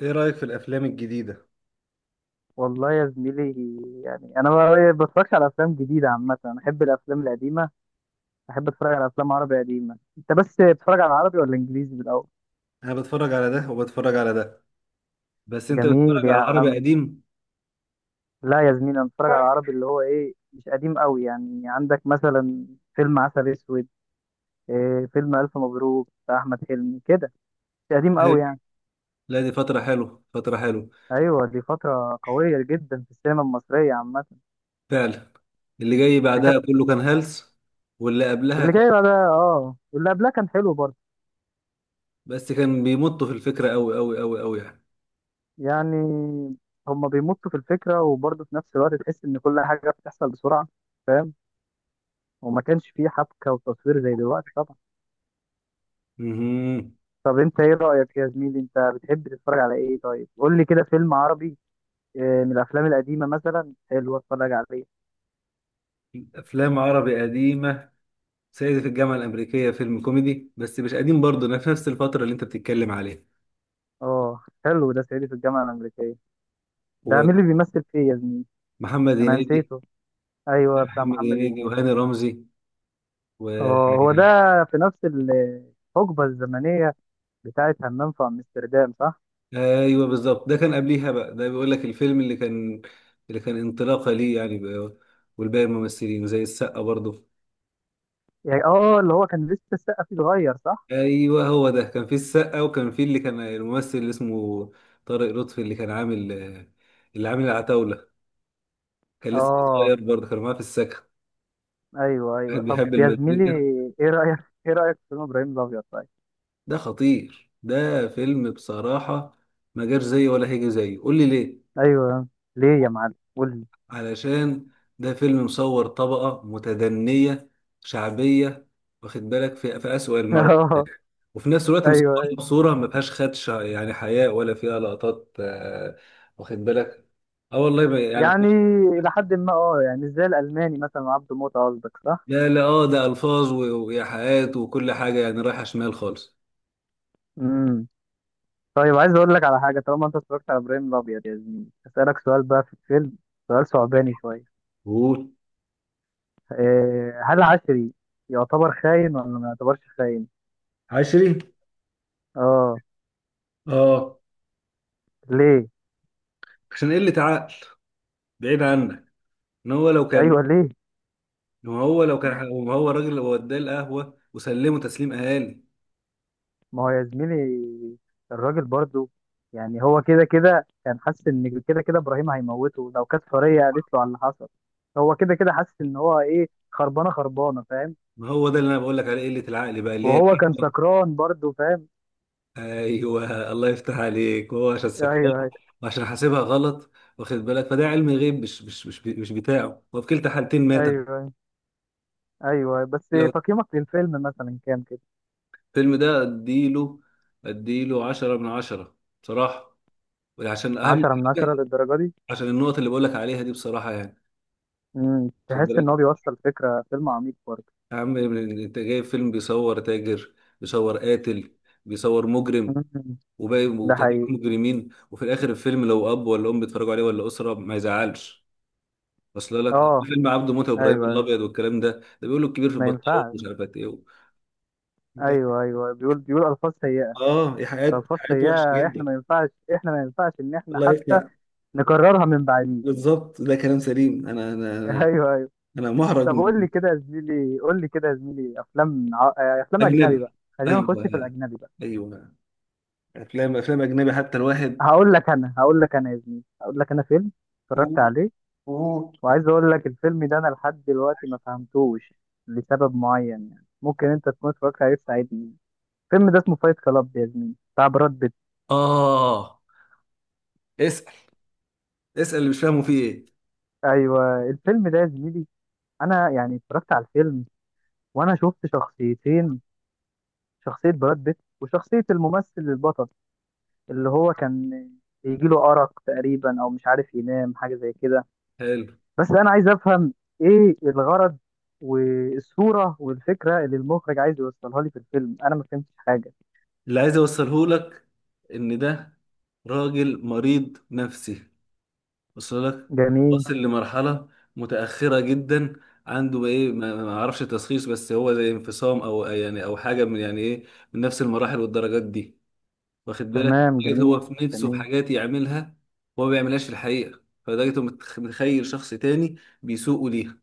ايه رأيك في الافلام الجديدة؟ والله يا زميلي، يعني انا ما بتفرجش على افلام جديده عامه. انا احب الافلام القديمه، احب اتفرج على افلام عربي قديمه. انت بس بتتفرج على عربي ولا انجليزي بالاول؟ انا بتفرج على ده وبتفرج على ده. بس انت جميل بتتفرج يا على عربي عم. قديم؟ لا يا زميلي، انا بتفرج على عربي اللي هو ايه، مش قديم قوي يعني. عندك مثلا فيلم عسل اسود، إيه فيلم الف مبروك بتاع احمد حلمي كده، مش قديم قوي حلو. يعني. لا، دي فترة حلوة فترة حلوة. ايوه، دي فتره قويه جدا في السينما المصريه عامه. فعلا. اللي جاي ده كانت- بعدها كله كان هلس. واللي قبلها اللي كان. جاي بقى ده، واللي قبلها كان حلو برضه. بس كان بيمطوا في الفكرة قوي قوي قوي قوي يعني. يعني هما بيمطوا في الفكرة، وبرضه في نفس الوقت تحس إن كل حاجة بتحصل بسرعة، فاهم. وما كانش فيه حبكة وتصوير زي دلوقتي طبعا. امم. طب أنت إيه رأيك يا زميلي؟ أنت بتحب تتفرج على إيه؟ طيب قول لي كده فيلم عربي من الأفلام القديمة مثلا حلو أتفرج عليه. افلام عربي قديمة. سيدي في الجامعة الأمريكية، فيلم كوميدي بس مش قديم برضه، أنا في نفس الفترة اللي انت بتتكلم عليها. أه، حلو ده صعيدي في الجامعة الأمريكية. ده مين اللي بيمثل فيه يا زميلي؟ ومحمد أنا هنيدي. نسيته. أيوه، بتاع محمد محمد هنيدي هنيدي. وهاني رمزي أه هو ده، و في نفس الحقبة الزمنية بتاعت همام في أمستردام صح؟ ايوه بالظبط، ده كان قبليها بقى، ده بيقول لك الفيلم اللي كان انطلاقه ليه يعني بقى. والباقي الممثلين زي السقا برضه. يعني اه. آه، اللي هو كان لسه السقا فيه صغير صح؟ ايوه هو ده، كان في السقا وكان في اللي كان الممثل اللي اسمه طارق لطفي، اللي عامل العتاوله، كان لسه اه. صغير برضه، كان معاه في السكن. ايوه ايوه، كان بيحب طب يا زميلي، المزيكا. ايه رايك ايه رايك في فيلم ابراهيم الابيض طيب؟ ده خطير، ده فيلم بصراحه. ما جاش زيه ولا هيجي زيه. قول لي ليه؟ ايوه. ليه يا معلم؟ قول لي. علشان ده فيلم مصور طبقة متدنية شعبية، واخد بالك، في أسوأ المراحل، اه، وفي نفس الوقت ايوه مصورها أيوة. بصورة ما فيهاش خدشه يعني، حياء ولا فيها لقطات واخد بالك. اه والله يعني. يعني الى حد ما، يعني ازاي الالماني مثلا عبده موته قصدك صح؟ لا لا، اه ده ألفاظ وإيحاءات وكل حاجة يعني رايحة شمال خالص. امم. طيب عايز اقول لك على حاجه، طالما انت اتفرجت على ابراهيم الابيض يا زميلي اسالك سؤال بقى في الفيلم، سؤال صعباني شويه. قول. إيه، هل عشري يعتبر خاين ولا ما يعتبرش خاين؟ عشري. اه. اه. ليه؟ عشان قلة عقل، بعيد عنك. ان هو لو كان ايوه، ليه؟ إن هو لو كان هو الراجل اللي وداه القهوة وسلمه تسليم أهالي. ما هو يا زميلي الراجل برضو، يعني هو كده كده كان حاسس ان كده كده ابراهيم هيموته لو كانت سوريا قالت له على اللي حصل. هو كده كده حاسس ان هو ايه، خربانه خربانه فاهم. ما هو ده اللي انا بقول لك عليه، قله العقل بقى اللي هي وهو كان الحكمه. سكران برضو فاهم. ايوه الله يفتح عليك، هو عشان ايوه سكران ايوه وعشان حاسبها غلط، واخد بالك، فده علم غيب مش بتاعه، وفي كلتا حالتين مات. ايوه ايوه، بس لو تقييمك للفيلم مثلا كام كده؟ الفيلم ده اديله 10 من 10 بصراحه، عشان اهم عشرة من عشرة حاجه، للدرجه دي؟ عشان النقط اللي بقول لك عليها دي بصراحه يعني، امم، واخد تحس بالك، ان هو بيوصل فكره، فيلم عميق برضه. يا عم انت جايب فيلم بيصور تاجر، بيصور قاتل، بيصور مجرم، امم. وباقي ده وكتير حقيقي. مجرمين، وفي الاخر الفيلم لو اب ولا ام بيتفرجوا عليه ولا اسره ما يزعلش. اصل لك اه، فيلم عبده موتة ايوه وابراهيم أيوة. الابيض والكلام ده بيقولوا الكبير في ما البطلون ينفعش. ومش عارف ايه ده. ايوه ايوه، بيقول الفاظ سيئه. اه. دي حاجات فصل حاجات هي. وحشه احنا جدا. ما ينفعش احنا ما ينفعش ان احنا الله حتى يفتح. نكررها من بعديه. بالظبط، ده كلام سليم. انا انا انا ايوه ايوه، انا محرج طب قول من. لي كده يا زميلي قول لي كده يا زميلي افلام ع- آه، افلام اجنبي بقى. اجنبي. خلينا نخش في ايوه الاجنبي بقى. ايوه. افلام اجنبي، حتى الواحد. هقول لك انا هقول لك انا يا زميلي هقول لك انا فيلم اتفرجت قول. عليه. قول. وعايز اقول لك الفيلم ده انا لحد دلوقتي ما فهمتوش، لسبب معين يعني، ممكن انت تكون اتفرجت عليه تساعدني. الفيلم ده اسمه فايت كلاب يا زميلي، بتاع براد بيت. اه. اسال. اسال اللي مش فاهمه فيه ايه. ايوه، الفيلم ده يا زميلي، انا يعني اتفرجت على الفيلم، وانا شفت شخصيتين، شخصية براد بيت وشخصية الممثل البطل، اللي هو كان بيجيله أرق تقريبا أو مش عارف ينام، حاجة زي كده. حلو. بس أنا عايز أفهم إيه الغرض والصورة والفكرة اللي المخرج عايز يوصلها لي في الفيلم، أنا ما فهمتش حاجة. اللي عايز اوصله لك ان ده راجل مريض نفسي، وصل لك؟ جميل. واصل لمرحلة متأخرة جدا، عنده ايه، ما اعرفش تشخيص، بس هو زي انفصام او يعني او حاجة من يعني ايه، من نفس المراحل والدرجات دي. واخد بالك، تمام لدرجة هو جميل في نفسه في جميل. حاجات يعملها، هو ما بيعملهاش في الحقيقة، فلدرجة هو متخيل شخص تاني بيسوقه ليها.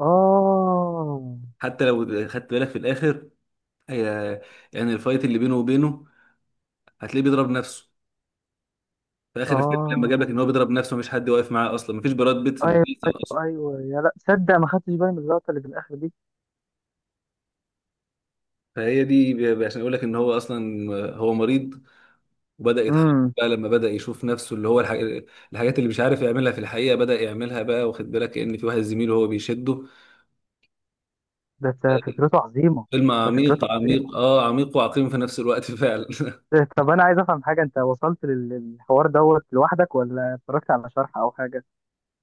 آه حتى لو خدت بالك في الاخر، هي- يعني الفايت اللي بينه وبينه، هتلاقيه بيضرب نفسه. في اخر الفيلم لما جاب لك آه ان هو بيضرب نفسه، مفيش حد واقف معاه اصلا، مفيش براد بيت في أيوه المسلسل اصلا. أيوه أيوه، يا لا تصدق، ما خدتش بالي من اللقطة اللي في الآخر دي. فهي دي عشان اقول لك ان هو اصلا هو مريض، وبدا يتحرك امم. بقى لما بدا يشوف نفسه، اللي هو الحاجات اللي مش عارف يعملها في الحقيقه بدا يعملها بقى، واخد بالك، كأن في واحد زميله هو بيشده ده يعني. فكرته عظيمة. فيلم ده عميق فكرته. عميق، عميق وعقيم في نفس الوقت فعلا طب انا عايز افهم حاجه، انت وصلت للحوار دوت لوحدك ولا اتفرجت على شرح او حاجه؟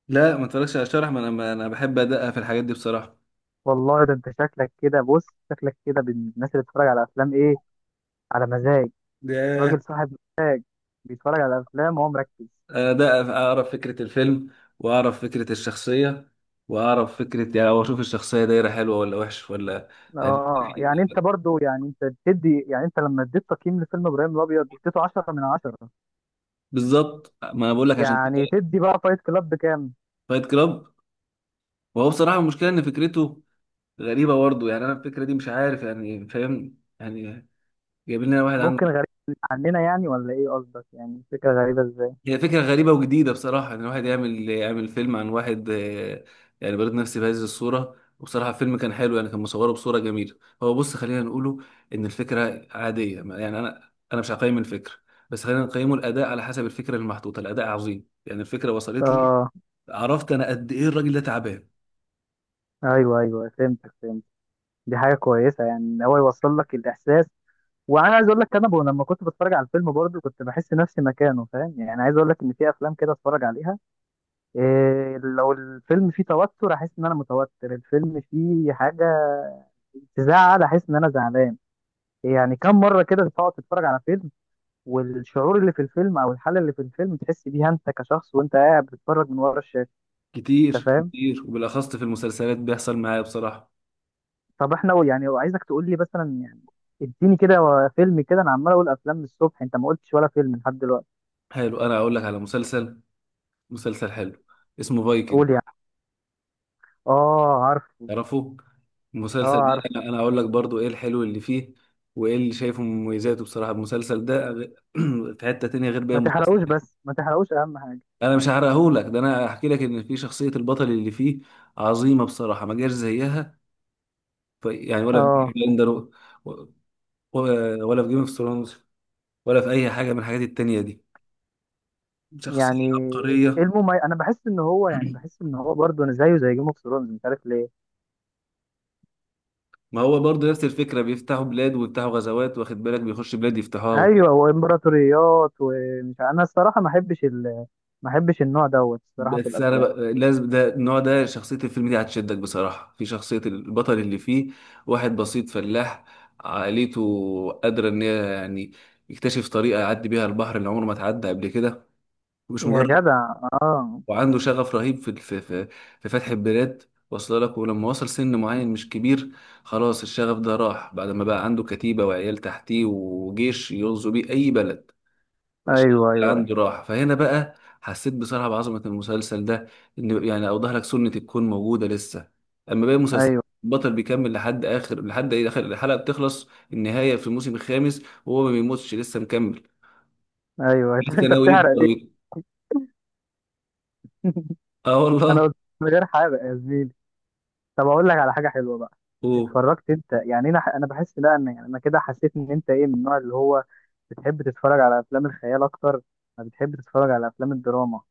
لا ما اتفرجش على الشرح، ما انا بحب ادقق في الحاجات دي بصراحه. والله ده انت شكلك كده، بص شكلك كده من الناس اللي بتتفرج على افلام ايه، على مزاج، ده. راجل صاحب بيتفرج على افلام وهو مركز. ده اعرف فكرة الفيلم، واعرف فكرة الشخصية، واعرف فكرة يعني، او اشوف الشخصية دايرة حلوة ولا وحش ولا. يعني اه، يعني انت برضو يعني انت بتدي يعني انت لما اديت تقييم لفيلم ابراهيم الابيض اديته 10 من 10، بالظبط، ما انا بقول لك عشان يعني كده. تدي بقى فايت كلاب بكام؟ فايت كلاب. وهو بصراحة، المشكلة ان فكرته غريبة برضه يعني، انا الفكرة دي مش عارف يعني، فاهم يعني؟ جايبين لنا واحد عنده. ممكن غريب عننا يعني، ولا ايه قصدك؟ يعني فكره غريبه ازاي؟ هي فكرة غريبة وجديدة بصراحة، إن واحد يعمل فيلم عن واحد يعني بلد نفسي بهذه الصورة. وبصراحة الفيلم كان حلو يعني، كان مصوره بصورة جميلة. هو بص، خلينا نقوله إن الفكرة عادية، يعني أنا مش هقيم الفكرة، بس خلينا نقيمه الأداء على حسب الفكرة المحطوطة. الأداء عظيم، يعني الفكرة وصلت لي، اه، عرفت أنا قد إيه الراجل ده تعبان. ايوه ايوه، فهمتك فهمت. دي حاجه كويسه، يعني ان هو يوصل لك الاحساس. وانا عايز اقول لك انا لما كنت بتفرج على الفيلم برضه كنت بحس نفسي مكانه فاهم. يعني عايز اقول لك ان في افلام كده اتفرج عليها، إيه، لو الفيلم فيه توتر احس ان انا متوتر، الفيلم فيه حاجه تزعل احس ان انا زعلان. يعني كم مره كده تقعد تتفرج على فيلم، والشعور اللي في الفيلم او الحاله اللي في الفيلم تحس بيها انت كشخص وانت قاعد بتتفرج من ورا الشاشه؟ انت كتير فاهم؟ كتير، وبالأخص في المسلسلات بيحصل معايا بصراحة. طب احنا يعني عايزك تقول لي مثلا، يعني اديني كده فيلم كده، انا عمال اقول افلام من الصبح، انت ما قلتش ولا فيلم لحد دلوقتي. حلو، أنا أقول لك على مسلسل، مسلسل حلو اسمه فايكنج. قول يعني. اه عارف. تعرفوا اه المسلسل ده؟ عارف. أنا هقول لك برضو ايه الحلو اللي فيه وايه اللي شايفه مميزاته. بصراحه المسلسل ده في حته تانية غير باقي ما تحرقوش المسلسلات. بس ما تحرقوش اهم حاجه. انا مش هحرقهولك، ده انا هحكي لك ان في شخصيه البطل اللي فيه عظيمه بصراحه، ما جاش زيها يعني، ولا في بيكي اه. بلاندر ولا في جيم اوف ثرونز ولا في اي حاجه من الحاجات التانية دي. يعني شخصيه ايه عبقريه. المميز؟ انا بحس ان هو يعني بحس ان هو برضه أنا زيه زي جيم اوف ثرونز، مش عارف ليه. ما هو برضه نفس الفكره، بيفتحوا بلاد ويفتحوا غزوات، واخد بالك، بيخش بلاد يفتحوها. ايوه، وامبراطوريات، انا الصراحه ما احبش النوع دوت الصراحه في بس انا الافلام. بقى لازم ده النوع، ده شخصية الفيلم دي هتشدك بصراحة، في شخصية البطل اللي فيه، واحد بسيط فلاح، عائلته قادرة ان هي يعني يكتشف طريقة يعدي بيها البحر اللي عمره ما اتعدى قبل كده، مش يا مجرد. جدع. اه وعنده شغف رهيب في في, فتح البلاد، واصل لك. ولما وصل سن معين مش كبير، خلاص الشغف ده راح، بعد ما بقى عنده كتيبة وعيال تحتيه وجيش يغزو بيه اي بلد، ايوه ايوه عنده راحة. فهنا بقى حسيت بصراحة بعظمة المسلسل ده، إن يعني أوضح لك سنة الكون موجودة لسه. أما باقي المسلسل، ايوه البطل بيكمل لحد آخر، لحد إيه، آخر الحلقة بتخلص النهاية في الموسم الخامس، وهو ما بيموتش لسه مكمل، ايوه. لسه انت ناوي بتحرق يكبر ليه؟ ويكبر. آه انا والله. قلت، من غير حرق يا زميلي. طب اقول لك على حاجه حلوه بقى. أوه. اتفرجت انت يعني، انا بحس لا، ان يعني انا كده حسيت ان انت ايه، من النوع اللي هو بتحب تتفرج على افلام الخيال اكتر، ما بتحب تتفرج على افلام الدراما.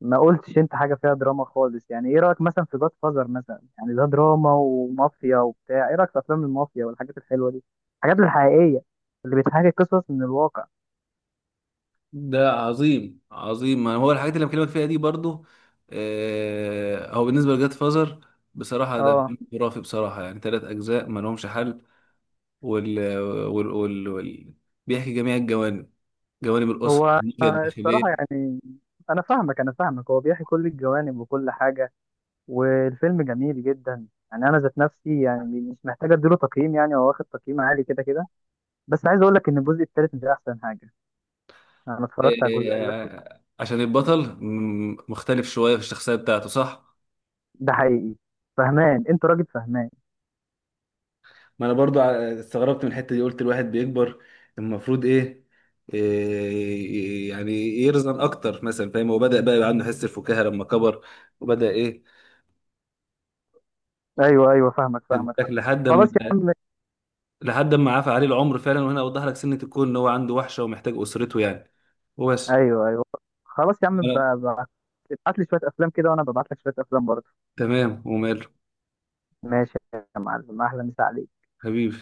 ما قلتش انت حاجه فيها دراما خالص يعني. ايه رايك مثلا في جاد فازر مثلا؟ يعني ده دراما ومافيا وبتاع. ايه رايك في افلام المافيا والحاجات الحلوه دي، الحاجات الحقيقيه اللي بتحكي قصص من الواقع؟ ده عظيم عظيم، ما هو الحاجات اللي بكلمك فيها دي برضو. هو بالنسبة لجاد فازر، بصراحة ده اه فيلم خرافي بصراحة، يعني ثلاث أجزاء ما لهمش حل. وال... وال... وال... وال... بيحكي جميع الجوانب، جوانب الأسرة هو النية الصراحه الداخلية. يعني، انا فاهمك هو بيحكي كل الجوانب وكل حاجه، والفيلم جميل جدا يعني. انا ذات نفسي يعني مش محتاج اديله تقييم يعني، هو واخد تقييم عالي كده كده. بس عايز اقول لك ان الجزء الثالث مش احسن حاجه، انا اتفرجت على الاجزاء كلها. عشان البطل مختلف شوية في الشخصية بتاعته، صح؟ ده حقيقي. فهمان انت، راجل فهمان. ما انا برضو استغربت من الحته دي، قلت الواحد بيكبر المفروض ايه، إيه يعني، يرزن اكتر مثلا، فاهم؟ هو بدأ بقى يبقى عنده حس الفكاهه لما كبر، وبدأ ايه، واخد ايوه ايوه، فاهمك فاهمك. بالك لحد خلاص يا ما عم. لحد ما عفى عليه العمر فعلا. وهنا اوضح لك سنه الكون ان هو عنده وحشه ومحتاج اسرته يعني، وبس. ايوه ايوه، خلاص يا عم، ب- ابعت لي شويه افلام كده وانا ببعت لك شويه افلام برضه. تمام وماله. ماشي يا معلم، اهلا، مسا عليك. حبيبي.